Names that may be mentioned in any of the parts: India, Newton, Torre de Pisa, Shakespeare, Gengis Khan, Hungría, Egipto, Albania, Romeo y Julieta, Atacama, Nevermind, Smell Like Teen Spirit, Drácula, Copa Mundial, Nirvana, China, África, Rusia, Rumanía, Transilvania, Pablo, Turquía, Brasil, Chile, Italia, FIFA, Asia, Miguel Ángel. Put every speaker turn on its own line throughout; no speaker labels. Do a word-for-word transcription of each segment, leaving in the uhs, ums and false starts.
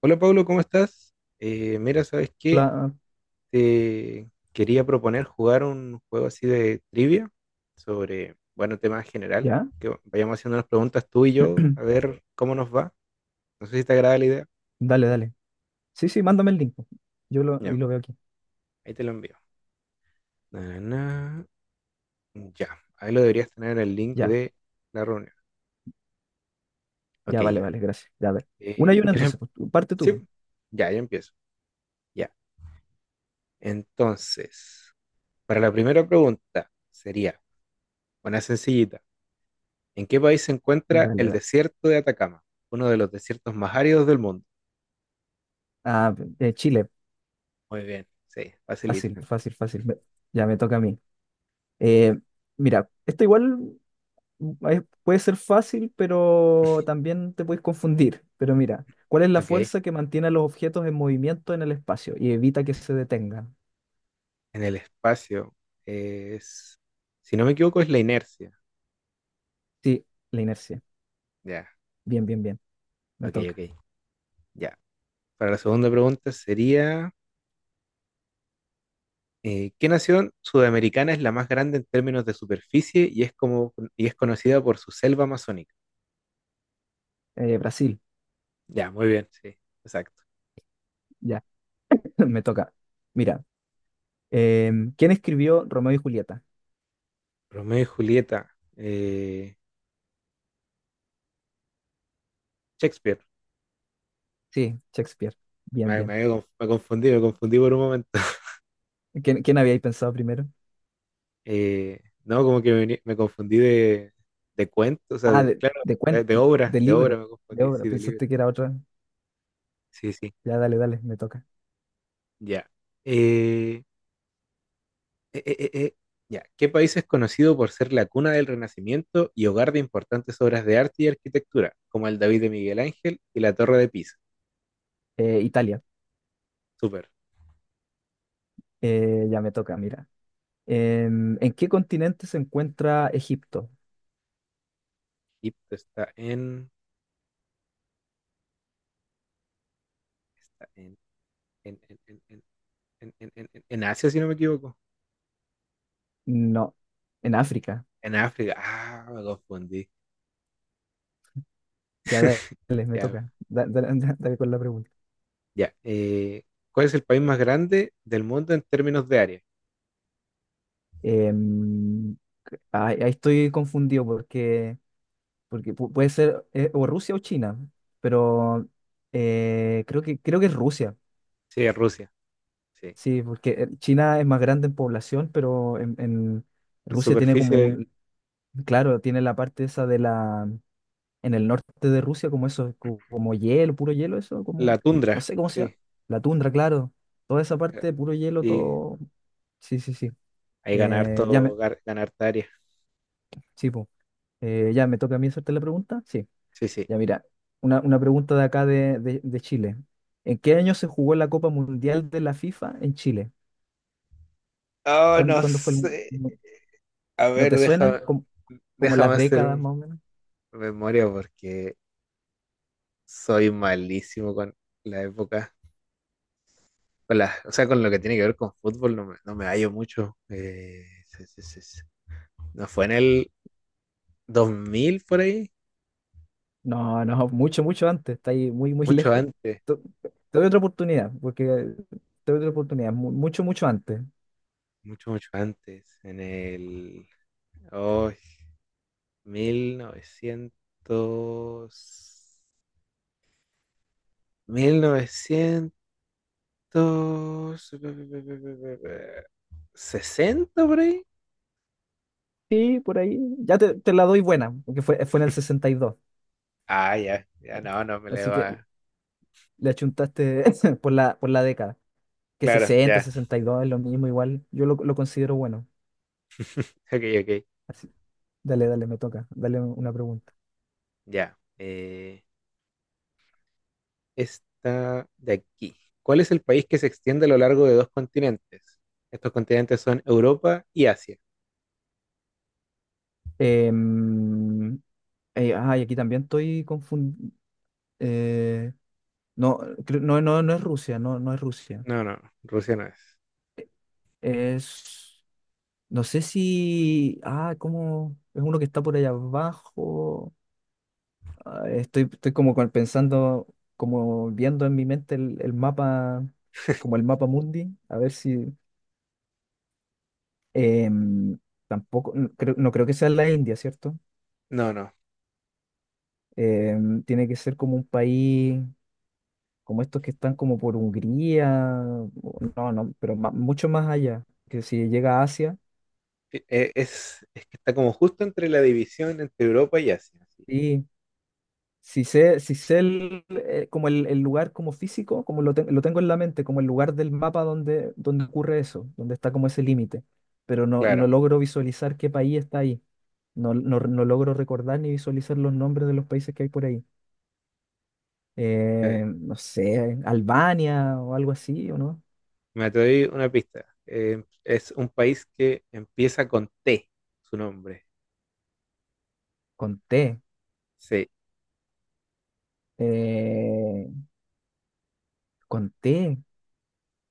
Hola Pablo, ¿cómo estás? Eh, mira, ¿sabes qué?
La...
Te quería proponer jugar un juego así de trivia sobre, bueno, tema general,
¿Ya?
que vayamos haciendo unas preguntas tú y yo, a ver cómo nos va. No sé si te agrada la idea.
Dale, dale. Sí, sí, mándame el link. Yo lo, y
Ya,
lo veo aquí.
ahí te lo envío. Na, na, na. Ya, ahí lo deberías tener en el link
Ya,
de la reunión. Ok,
ya, vale,
ya.
vale, gracias. Ya, a ver. Una
Eh,
y una
¿quieres em-
entonces, pues, tú- parte tú.
sí,
Po.
ya, ya empiezo. Ya. Entonces, para la primera pregunta sería, una sencillita. ¿En qué país se encuentra
Dale,
el
dale.
desierto de Atacama? Uno de los desiertos más áridos del mundo.
Ah, eh, Chile,
Muy bien. Sí,
fácil,
facilita.
fácil, fácil. Me- ya me toca a mí. Eh, Mira, esto igual mm, es- puede ser fácil, pero también te puedes confundir. Pero mira, ¿cuál es la
Ok.
fuerza que mantiene a los objetos en movimiento en el espacio y evita que se detengan?
En el espacio es, si no me equivoco, es la inercia.
Sí, la inercia.
Ya,
Bien, bien, bien. Me
ok,
toca.
ok. Ya. Para la segunda pregunta sería, eh, ¿qué nación sudamericana es la más grande en términos de superficie y es como y es conocida por su selva amazónica?
Eh, Brasil,
Ya, muy bien. Sí, exacto.
ya, me toca. Mira. Em, ¿quién escribió Romeo y Julieta?
Romeo y Julieta. eh, Shakespeare.
Sí, Shakespeare. Bien,
Me,
bien.
me, Me confundí, me confundí por un momento.
¿Quién, quién habíais pensado primero?
Eh, no, como que me, vení- me confundí de, de cuento, o sea,
Ah,
de-
de,
claro,
de
de,
cuen-
de obra,
de
de obra
libro,
me
de
confundí,
obra.
sí, de libro.
Pensaste que era otra.
Sí, sí,
Ya, dale, dale, me toca.
ya. Eh, eh, eh, eh, eh, ya. ¿Qué país es conocido por ser la cuna del Renacimiento y hogar de importantes obras de arte y arquitectura, como el David de Miguel Ángel y la Torre de Pisa?
Eh, Italia.
Súper.
Eh, ya me toca, mira. Em, ¿en qué continente se encuentra Egipto?
Egipto está en, está en, en, en, en, en, en, en, en en Asia, si no me equivoco.
No, en África.
En África. Ah, me confundí.
Ya, dale, me
Ya,
toca. Da- da- da- Dale, con la pregunta.
ya. Eh, ¿cuál es el país más grande del mundo en términos de área?
Em, ay, ahí estoy confundido porque porque pu- puede ser eh, o Rusia o China, pero eh, creo que, creo que es Rusia,
Sí, Rusia. Sí.
sí, porque eh, China es más grande en población, pero en, en
En
Rusia tiene como
superficie,
un, claro, tiene la parte esa de la, en el norte de Rusia, como eso, co- como hielo, puro hielo, eso,
la
como, no
tundra.
sé cómo se llama,
Sí.
la tundra, claro, toda esa parte, puro hielo,
Sí.
todo, sí, sí, sí.
Ahí ganar
Eh, ya me,
harto, gar- gana harta área.
sí, po. Eh, ya me toca a mí hacerte la pregunta, sí.
Sí, sí.
Ya mira, una, una pregunta de acá de, de- de Chile. ¿En qué año se jugó la Copa Mundial de la FIFA en Chile?
Oh,
¿Cuán-
no
¿Cuándo, fue el... mu-
sé.
mu-
A
¿No
ver,
te suena?
déjame,
¿Como, como las
déjame hacer
décadas
un-
más o menos?
memoria porque soy malísimo con la época. Con la, o sea, con lo que tiene que ver con fútbol no me, no me hallo mucho. Eh, sí, sí, sí, sí. ¿No fue en el dos mil por ahí?
No, no, mucho, mucho antes. Está ahí muy, muy
Mucho
lejos.
antes.
Te, te doy otra oportunidad, porque te doy otra oportunidad. mu- Mucho, mucho antes.
Mucho, mucho antes, en el oh, mil novecientos, mil novecientos sesenta por ahí.
Sí, por ahí. Ya te, te la doy buena, porque fue, fue en el sesenta y dos.
Ah, ya, ya no, no me le
Así
va.
que le achuntaste por la, por la década. Que
Claro,
sesenta
ya.
sesenta y dos es lo mismo, igual. Yo lo, lo considero bueno.
Ok, ok.
Así Dale, dale, me toca. Dale un- una
Mm,
pregunta.
ya. Eh, esta de aquí. ¿Cuál es el país que se extiende a lo largo de dos continentes? Estos continentes son Europa y Asia.
Em, eh, ah, y aquí también estoy confundido. No, creo- no, no, no es Rusia, no, no es Rusia.
No, no, Rusia no es.
Es, no sé si, ah, cómo, es uno que está por allá abajo. Ah, estoy, estoy como con- pensando, como viendo en mi mente el, el mapa, como el mapa mundi, a ver si, em, tampoco, no creo, no creo que sea la India, ¿cierto?
No, no.
Em, tiene que ser como un país, como estos que están como por Hungría, o- no, no, pero ma- mucho más allá, que si llega a Asia,
E- e- es, es que está como justo entre la división entre Europa y Asia. Sí.
y si sé, si sé el, eh, como el, el lugar como físico, como lo, ten- lo tengo en la mente, como el lugar del mapa donde, donde ocurre eso, donde está como ese límite, pero no, no
Claro,
logro visualizar qué país está ahí. No, no, no logro recordar ni visualizar los nombres de los países que hay por ahí.
eh,
Eh, no sé, Albania o algo así, ¿o no?
me doy una pista. Eh, es un país que empieza con T, su nombre.
Con T.
Sí.
eh, con T.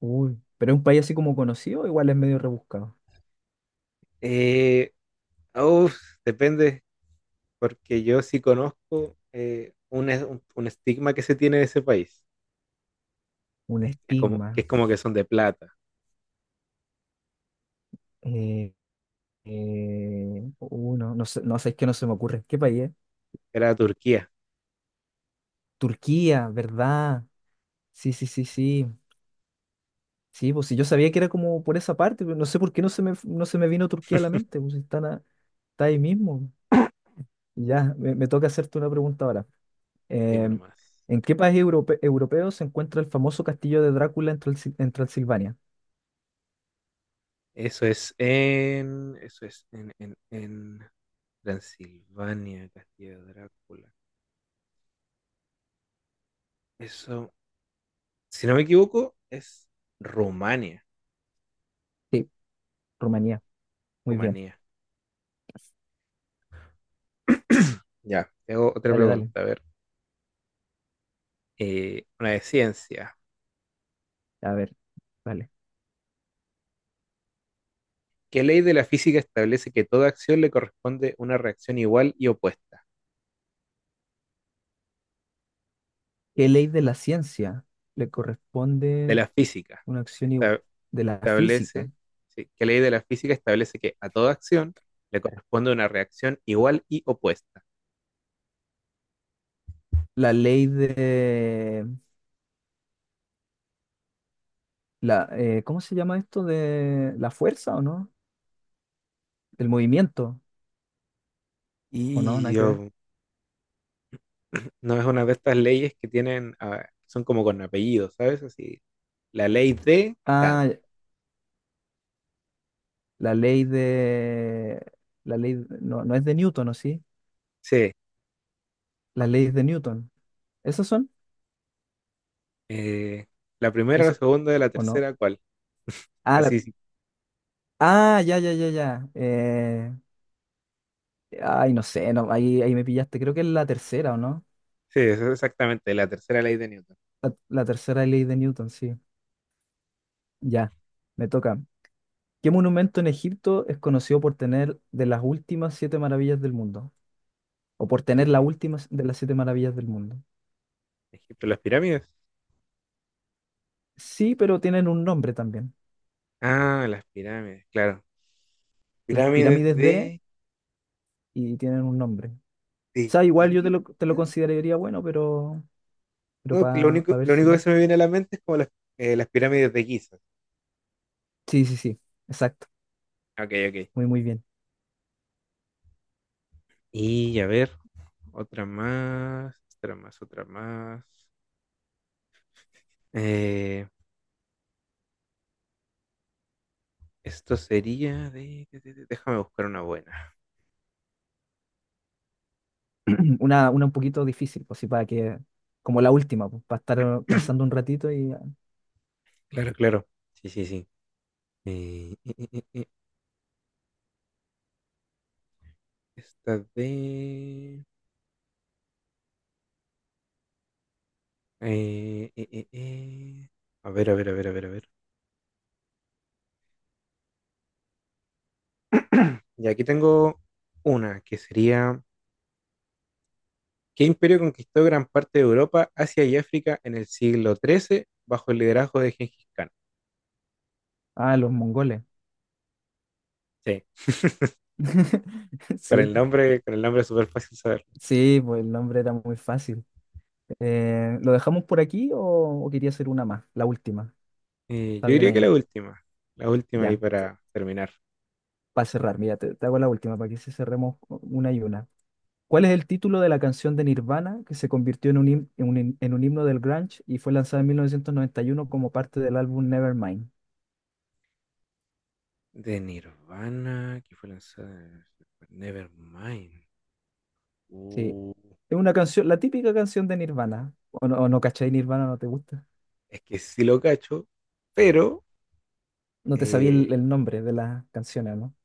Uy, pero es un país así como conocido, igual es medio rebuscado.
Eh, uf, depende, porque yo sí conozco eh, un, es- un- un estigma que se tiene de ese país,
Un
que es como que,
estigma.
es como que son de plata.
Eh, eh, Uno, no no sé, no sé, es que no se me ocurre. ¿Qué país es?
Era Turquía,
Turquía, ¿verdad? Sí, sí, sí, sí. Sí, pues si yo sabía que era como por esa parte, pero no sé por qué no se me, no se me vino Turquía a la mente, pues si están a- está ahí mismo. Ya, me, me toca hacerte una pregunta ahora.
dime
Eh,
nomás.
¿en qué país europe- europeo se encuentra el famoso castillo de Drácula en Transil- en Transilvania?
Eso es en, eso es en, en, en Transilvania, Castilla Drácula. Eso, si no me equivoco, es Rumania.
Sí, Rumanía. Muy bien.
Rumanía. Ya, tengo otra
Dale,
pregunta.
dale.
A ver, eh, una de ciencia.
A ver, dale.
¿Qué ley de la física establece que toda acción le corresponde una reacción igual y opuesta?
¿Qué ley de la ciencia le
De
corresponde
la física.
una acción igu-
Esta-
de la física?
Establece, sí, ¿qué ley de la física establece que a toda acción le corresponde una reacción igual y opuesta?
La ley de la eh, ¿cómo se llama esto? ¿De la fuerza o no? Del movimiento o no, nada
Y
que ver.
um, no es una de estas leyes que tienen, ah, son como con apellidos, ¿sabes? Así, la ley de tan.
Ah, la ley de la ley no, no es de Newton, ¿o sí?
Sí,
Las leyes de Newton. ¿Esas son?
Eh, la primera, la
¿Es
segunda y la
o no?
tercera, ¿cuál?
Ah, la-
Así, sí,
ah, ya, ya, ya, ya. Eh, ay, no sé, no, ahí, ahí me pillaste. Creo que es la tercera, ¿o no?
sí, eso es exactamente, la tercera ley de Newton.
La, la tercera ley de Newton, sí. Ya, me toca. ¿Qué monumento en Egipto es conocido por tener de las últimas siete maravillas del mundo? O por tener las
Eh,
últimas de las siete maravillas del mundo.
Egipto, las pirámides.
Sí, pero tienen un nombre también.
Ah, las pirámides, claro.
Las
Pirámides
pirámides de
de,
y tienen un nombre. O
de
sea, igual yo te
Giza.
lo, te lo consideraría bueno, pero, pero
No, que lo
para
único,
ver
lo
si.
único que se me viene a la mente es como las, eh, las pirámides de Giza.
Sí, sí, sí. Exacto.
Ok, ok.
Muy, muy bien.
Y a ver, otra más, otra más, otra más. Eh, esto sería de, de- de- de- Déjame buscar una buena.
Una, una un poquito difícil, pues sí, para que. Como la última, pues, para estar pensando un ratito y.
Claro, claro. Sí, sí, sí. Eh, esta de... eh, eh, eh, eh. A ver, a ver, a ver, a ver, a ver. Y aquí tengo una que sería, ¿qué imperio conquistó gran parte de Europa, Asia y África en el siglo trece bajo el liderazgo de Gengis Khan?
Ah, los mongoles.
Sí, con
Sí.
el nombre, con el nombre es súper fácil saberlo.
Sí, pues el nombre era muy fácil. Eh, ¿lo dejamos por aquí o, o quería hacer una más? La última.
Eh,
Está
yo
bien
diría que
ahí.
la última, la última ahí
Ya,
para terminar.
para cerrar, mira, te, te hago la última para que se cerremos una y una. ¿Cuál es el título de la canción de Nirvana que se convirtió en un, him- en un hin- en un himno del grunge y fue lanzada en mil novecientos noventa y uno como parte del álbum Nevermind?
De Nirvana, que fue lanzada en Nevermind.
Sí,
Uh,
es una canción, la típica canción de Nirvana. ¿O no, o no cachai Nirvana? ¿No te gusta?
es que sí lo cacho, pero...
No te sabía el,
eh,
el nombre de las canciones, ¿no?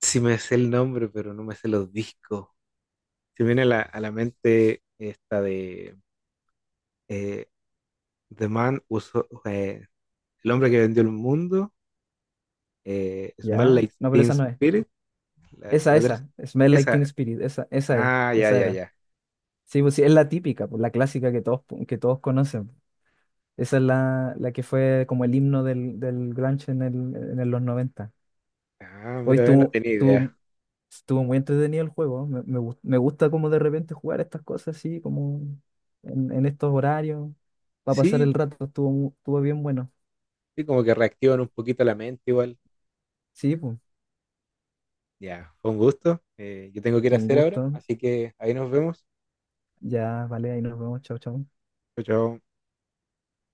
sí me sé el nombre, pero no me sé los discos. Se me viene a la, a la mente esta de eh, The Man Who So- eh, El hombre que vendió el mundo, eh, Smell
Ya,
Like
no, pero
Teen
esa no es.
Spirit, la,
Esa,
la otra es-
esa, Smell Like Teen
esa.
Spirit, esa, esa es,
Ah, ya,
esa
ya,
era.
ya.
Sí, pues sí, es la típica, pues, la clásica que todos, que todos conocen. Esa es la, la que fue como el himno del, del grunge en, el, en el- los noventa.
Ah,
Hoy
mira, eh, no
estuvo,
tenía idea.
estuvo, estuvo muy entretenido el juego, me, me gust- me gusta como de repente jugar estas cosas así, como en, en estos horarios, para pasar
Sí,
el rato, estuvo, mu- estuvo bien bueno.
sí, como que reactivan un poquito la mente igual.
Sí, pues,
Ya, fue un gusto. Eh, yo tengo que ir a
un
hacer ahora,
gusto.
así que ahí nos vemos.
Ya, vale, ahí nos vemos, chao, chao.
Chao, chao.